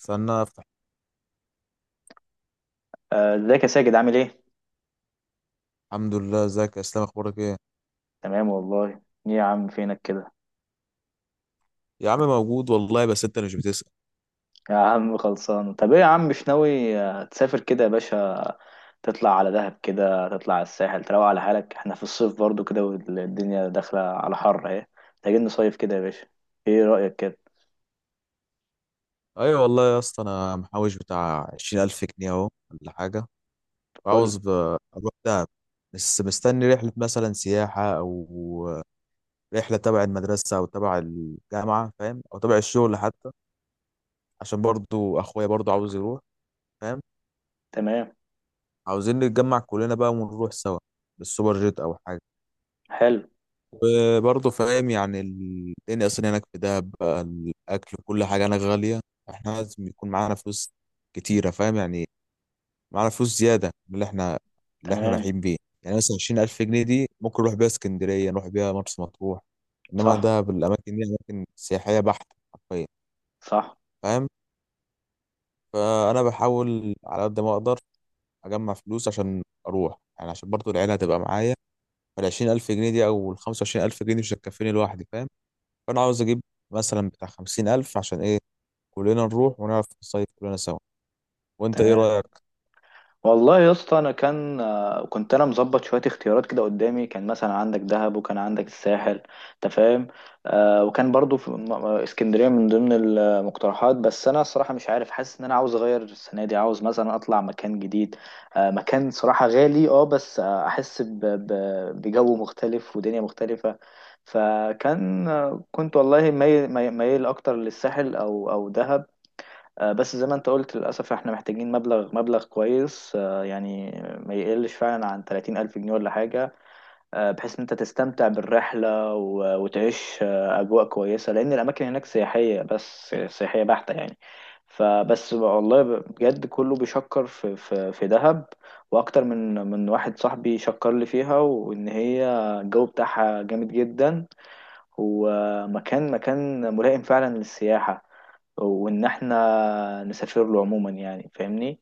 استنى افتح. آه، ازيك يا ساجد؟ عامل ايه؟ الحمد لله، ازيك يا اسلام؟ اخبارك ايه؟ تمام والله. ايه يا عم، فينك كده؟ يا عم موجود والله، بس انت مش بتسأل. يا عم خلصان. طب ايه يا عم، مش ناوي تسافر كده يا باشا؟ تطلع على دهب كده، تطلع على الساحل، تروق على حالك. احنا في الصيف برضو كده، والدنيا داخلة على حر اهي. محتاجين نصيف كده يا باشا. ايه رأيك كده؟ ايوه والله يا اسطى، انا محوش بتاع 20000 جنيه اهو ولا حاجه، وعاوز قول. اروح دهب، بس مستني رحله مثلا سياحه او رحله تبع المدرسه او تبع الجامعه، فاهم؟ او تبع الشغل حتى، عشان برضو اخويا برضو عاوز يروح، فاهم؟ تمام. عاوزين نتجمع كلنا بقى ونروح سوا بالسوبر جيت او حاجه. حلو. وبرضه فاهم يعني الدنيا اصلا هناك في دهب بقى، الاكل وكل حاجه هناك غاليه، احنا لازم يكون معانا فلوس كتيره، فاهم يعني؟ معانا فلوس زياده من اللي احنا تمام. رايحين بيه. يعني مثلا 20000 جنيه دي ممكن نروح بيها اسكندريه، نروح بيها مرسى مطروح، انما صح. دهب الاماكن دي اماكن سياحيه بحته حرفيا، صح. فاهم؟ فانا بحاول على قد ما اقدر اجمع فلوس عشان اروح، يعني عشان برضه العيله هتبقى معايا. فال 20000 جنيه دي او ال 25000 جنيه دي مش هتكفيني لوحدي، فاهم؟ فانا عاوز اجيب مثلا بتاع 50000، عشان ايه؟ كلنا نروح ونعرف نصيف كلنا سوا. وانت ايه تمام. رايك؟ والله يا اسطى انا كان آه، كنت انا مظبط شويه اختيارات كده قدامي. كان مثلا عندك دهب وكان عندك الساحل، انت فاهم. وكان برضو في اسكندريه من ضمن المقترحات، بس انا الصراحه مش عارف، حاسس ان انا عاوز اغير السنه دي، عاوز مثلا اطلع مكان جديد. مكان صراحه غالي، بس احس بجو مختلف ودنيا مختلفه. فكان كنت والله مايل مايل مايل اكتر للساحل او دهب. بس زي ما انت قلت، للأسف احنا محتاجين مبلغ مبلغ كويس، يعني ما يقلش فعلا عن 30 ألف جنيه ولا حاجة، بحيث ان انت تستمتع بالرحلة وتعيش أجواء كويسة، لأن الأماكن هناك سياحية، بس سياحية بحتة يعني. فبس والله بجد كله بيشكر في دهب، وأكتر من واحد صاحبي شكر لي فيها، وإن هي الجو بتاعها جامد جدا. هو مكان مكان ملائم فعلا للسياحة، وإن إحنا نسافر له عموما يعني، فاهمني؟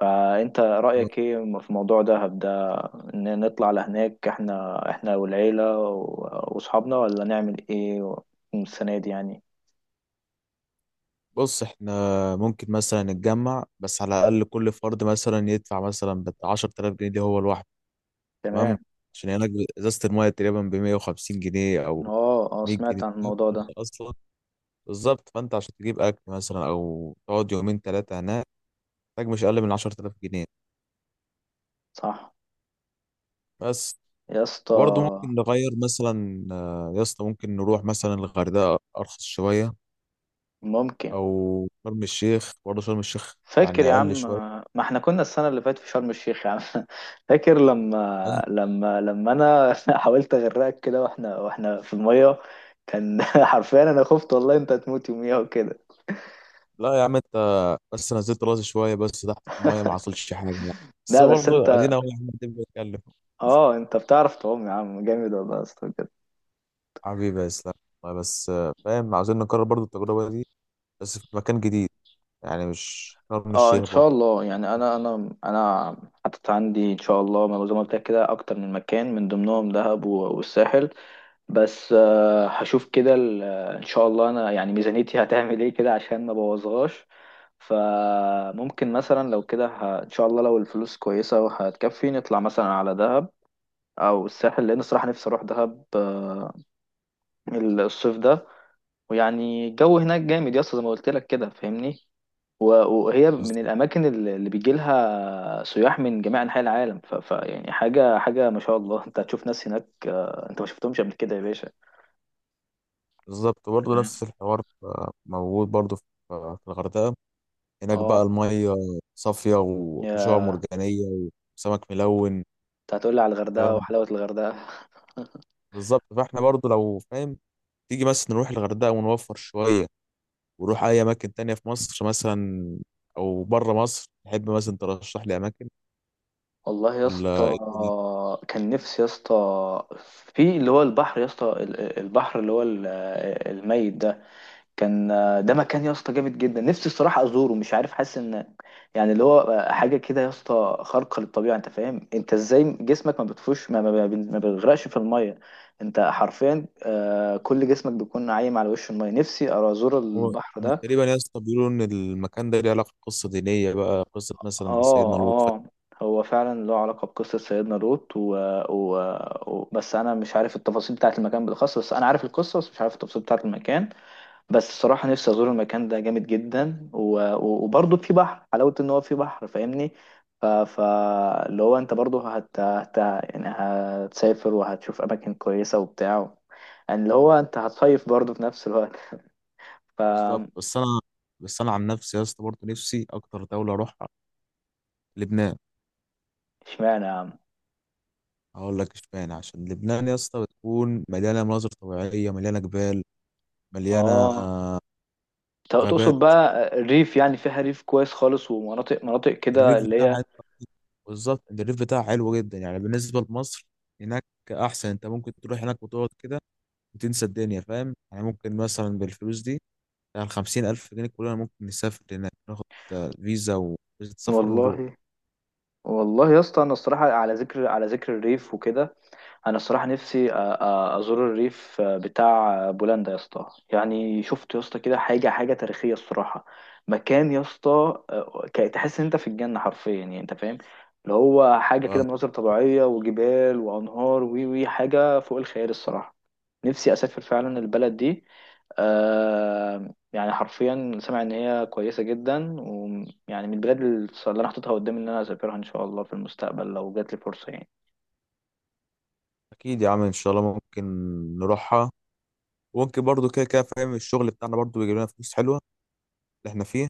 فأنت رأيك إيه في موضوع دهب ده؟ إن نطلع لهناك إحنا والعيلة وأصحابنا، ولا نعمل إيه السنة دي يعني؟ بص احنا ممكن مثلا نتجمع، بس على الاقل كل فرد مثلا يدفع مثلا بتاع 10000 جنيه دي هو لوحده، تمام؟ تمام. عشان هناك ازازه المايه تقريبا ب 150 جنيه او آه آه، 100 جنيه، سمعت عن الموضوع فانت ده. اصلا بالظبط، فانت عشان تجيب اكل مثلا او تقعد يومين ثلاثه هناك، محتاج مش اقل من 10000 جنيه صح. بس. يا برضه اسطى. ممكن نغير مثلا، يا اسطى ممكن نروح مثلا الغردقه ارخص شويه، ممكن. او شرم الشيخ، برضه شرم الشيخ يعني فاكر يا اقل عم، شويه. ما احنا كنا السنة اللي فاتت في شرم الشيخ يا عم فاكر أي- لما انا حاولت اغرقك كده، واحنا في المية، كان حرفيا انا خفت والله انت هتموت يوميها وكده. لا يا عم انت، بس نزلت راسي شويه بس تحت المايه، ما حصلش حاجه يعني. بس لا بس برضه انت، ادينا اهو يا عم، قاعدين بنتكلم. اه انت بتعرف تعوم يا عم، جامد والله يا اسطى بجد. حبيبي يا اسلام، والله بس فاهم، عاوزين نكرر برضه التجربه دي، بس في مكان جديد، يعني مش شرم اه ان الشيخ برضه. شاء الله، يعني انا حاطط عندي ان شاء الله، ما زي ما قلت لك كده، اكتر من مكان من ضمنهم دهب والساحل، بس هشوف كده ان شاء الله، انا يعني ميزانيتي هتعمل ايه كده عشان ما بوظهاش. فممكن مثلا لو كده ان شاء الله لو الفلوس كويسة وهتكفي، نطلع مثلا على دهب او الساحل، لان الصراحة نفسي اروح دهب الصيف ده. ويعني الجو هناك جامد يا اسطى زي ما قلت لك كده، فاهمني؟ و- وهي من بس- الاماكن اللي بيجي لها سياح من جميع انحاء العالم، ف... ف يعني حاجة حاجة ما شاء الله. انت هتشوف ناس هناك انت ما شفتهمش قبل كده يا باشا، بالظبط برضه فاهم؟ نفس الحوار موجود برضه في الغردقه، هناك بقى اه، الميه صافيه، وفي شعاب يا، مرجانيه، وسمك ملون. انت هتقولي على الغردقة الكلام ده وحلاوة الغردقة. بالظبط، فاحنا برضه لو فاهم تيجي بس نروح الغردقة ونوفر شوية، ونروح أي أماكن تانية في مصر مثلا، أو بره مصر تحب مثلا ترشح لي أماكن والله يا ولا اسطى، إيه الدنيا؟ كان نفسي يا اسطى في اللي هو البحر يا اسطى، البحر اللي هو الميت ده. كان ده مكان يا اسطى جامد جدا، نفسي الصراحة ازوره، مش عارف، حاسس ان يعني اللي هو حاجة كده يا اسطى خارقة للطبيعة. انت فاهم انت ازاي جسمك ما بتفوش ما بيغرقش في المية، انت حرفيا كل جسمك بيكون عايم على وش المية. نفسي ازور هو البحر ده. تقريبا يا اسطى بيقولوا إن المكان ده ليه علاقة بقصة دينية، بقى قصة مثلا اه سيدنا لوط اه، هو فعلا له علاقة بقصة سيدنا لوط و... بس أنا مش عارف التفاصيل بتاعة المكان بالأخص، بس أنا عارف القصة، بس مش عارف التفاصيل بتاعة المكان. بس الصراحة نفسي أزور المكان ده جامد جدا، وبرضه في بحر، حلاوة إن هو في بحر، فاهمني؟ ف... ف... اللي هو أنت برضه يعني هتسافر وهتشوف أماكن كويسة وبتاع، يعني اللي هو أنت هتصيف برضه في نفس الوقت. ف بالظبط. بس أنا عن نفسي يا اسطى برضه نفسي أكتر دولة أروحها لبنان. اشمعنى يا عم؟ هقول لك اشمعنى، عشان لبنان يا اسطى بتكون مليانة مناظر طبيعية، مليانة جبال، مليانة اه، تقصد غابات. بقى الريف، يعني فيها ريف كويس خالص ومناطق مناطق كده الريف اللي بتاعها هي. حلو- بالظبط الريف بتاعها حلو جدا، يعني بالنسبة لمصر هناك أحسن، أنت ممكن تروح هناك وتقعد كده وتنسى الدنيا، فاهم يعني؟ ممكن مثلا بالفلوس دي، يعني 50000 جنيه كلنا ممكن نسافر هناك، ناخد فيزا، وفيزا سفر ونروح. والله. والله يا اسطى انا الصراحه، على ذكر الريف وكده، انا الصراحه نفسي ازور الريف بتاع بولندا يا اسطى. يعني شفت يا اسطى كده حاجه حاجه تاريخيه الصراحه، مكان يا اسطى، تحس ان انت في الجنه حرفيا، يعني انت فاهم اللي هو حاجه آه، كده، مناظر طبيعيه وجبال وانهار وي وي حاجه فوق الخيال الصراحه. نفسي اسافر فعلا البلد دي. يعني حرفيا سامع ان هي كويسه جدا، ويعني من البلاد اللي انا حاططها قدامي ان انا اسافرها ان شاء الله في المستقبل لو جات لي فرصه يعني. أكيد يا عم إن شاء الله ممكن نروحها، وممكن برضو كده كده فاهم، الشغل بتاعنا برضو بيجيب لنا فلوس حلوة اللي إحنا فيه.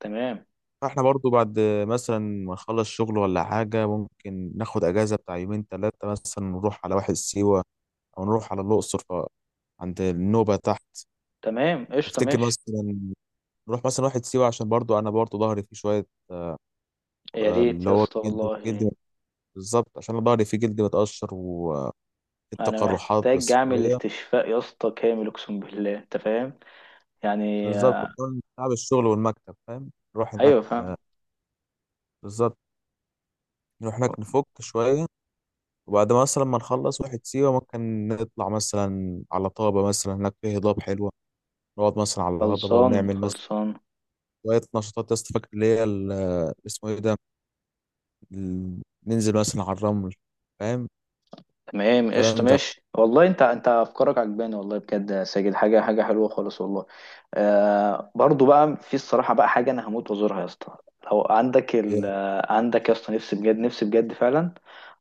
تمام. فإحنا برضو بعد مثلا ما نخلص شغل ولا حاجة، ممكن ناخد أجازة بتاع يومين تلاتة، مثلا نروح على واحد سيوة، او نروح على الاقصر عند النوبه تحت. تمام قشطة تفتكر ماشي. مثلا نروح مثلا واحد سيوه، عشان برضو انا برضو ظهري فيه شويه يا ريت اللي يا هو اسطى جلد والله. جلد. بالظبط، عشان أنا ظهري فيه جلد متقشر انا والتقرحات محتاج بس اعمل شويه. استشفاء يا اسطى كامل، اقسم بالله انت فاهم، يعني بالظبط، وكمان تعب الشغل والمكتب فاهم، نروح هناك. ايوه فاهم. بالظبط، نروح هناك نفك شويه، وبعد ما مثلا ما نخلص واحد سيوه ممكن نطلع مثلا على طابه، مثلا هناك فيه هضاب حلوه، نقعد مثلا على الهضبه خلصان ونعمل مثلا خلصان. شويه نشاطات يا اسطى. فاكر اسمه ايه ده، ننزل مثلا على الرمل، فاهم تمام قشطة الكلام ده؟ ماشي والله، انت افكارك عجباني والله، بجد يا ساجد حاجة حاجة حلوة خالص والله. آه برضو بقى، في الصراحة بقى حاجة انا هموت وازورها يا اسطى، لو عندك ال إيه، آه، عندك يا اسطى. نفسي بجد، فعلا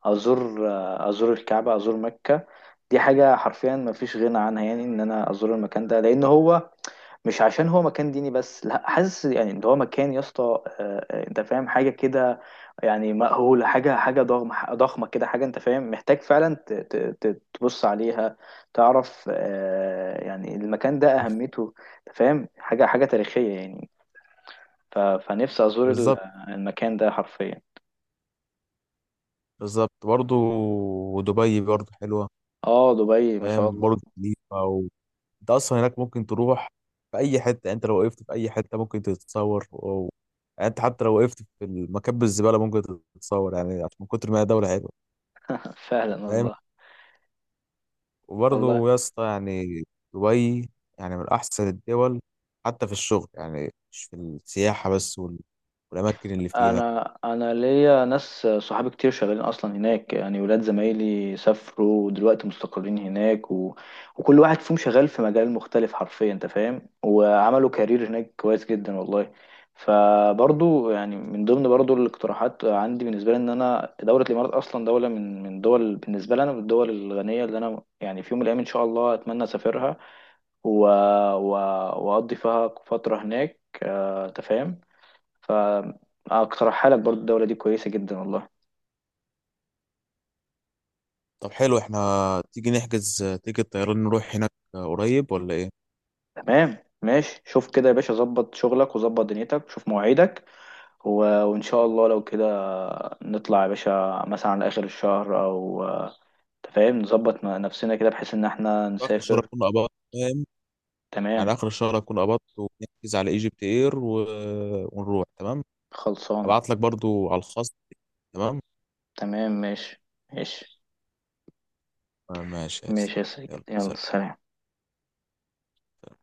ازور، ازور الكعبة، ازور مكة. دي حاجة حرفيا ما فيش غنى عنها، يعني ان انا ازور المكان ده، لان هو مش عشان هو مكان ديني بس، لا، حاسس يعني ان هو مكان يا اسطى انت فاهم حاجه كده. يعني مأهوله، حاجه حاجه ضخمه ضخمه كده، حاجه انت فاهم محتاج فعلا تبص عليها، تعرف يعني المكان ده اهميته، انت فاهم حاجه حاجه تاريخيه يعني. فنفسي ازور بالظبط المكان ده حرفيا. بالظبط برضه. ودبي برضه حلوة، اه دبي ما شاء فاهم؟ الله. برج خليفة انت اصلا هناك ممكن تروح في اي حتة، يعني انت لو وقفت في اي حتة ممكن تتصور يعني انت حتى لو وقفت في المكب الزبالة ممكن تتصور، يعني عشان من كتر ما هي دولة حلوة، فعلا فاهم؟ والله. والله وبرضه يا اسطى يعني دبي يعني من احسن الدول، حتى في الشغل يعني مش في السياحة بس والاماكن اللي فيها. انا ليا ناس صحابي كتير شغالين اصلا هناك، يعني ولاد زمايلي سافروا ودلوقتي مستقرين هناك، وكل واحد فيهم شغال في مجال مختلف حرفيا، انت فاهم، وعملوا كارير هناك كويس جدا والله. فبرضو يعني من ضمن برضو الاقتراحات عندي، بالنسبه لي ان انا دوله الامارات اصلا دوله من دول، بالنسبه لي انا من الدول الغنيه اللي انا يعني في يوم من الايام ان شاء الله اتمنى اسافرها، و... و... واقضي فيها فتره هناك، انت فاهم. فاقترحها لك، برضو الدولة دي كويسة جدا والله. طب حلو، احنا تيجي نحجز تيجي طيران نروح هناك قريب ولا ايه؟ تمام ماشي. شوف كده يا باشا، ظبط شغلك وظبط دنيتك، شوف مواعيدك، و... وان شاء الله لو كده، نطلع يا باشا مثلا على اخر الشهر، او، أنت فاهم، نظبط نفسنا كده بحيث ان احنا اخر الشهر نسافر. اكون قبضت، فاهم؟ على تمام. اخر الشهر اكون قبضت ونحجز على ايجيبت اير ونروح، تمام؟ خلصانة. ابعت لك برضو على الخاص، تمام؟ تمام ماشي. ماشي. ماشي يا اسلام، ماشي يا سيد، يلا يلا سلام. سلام.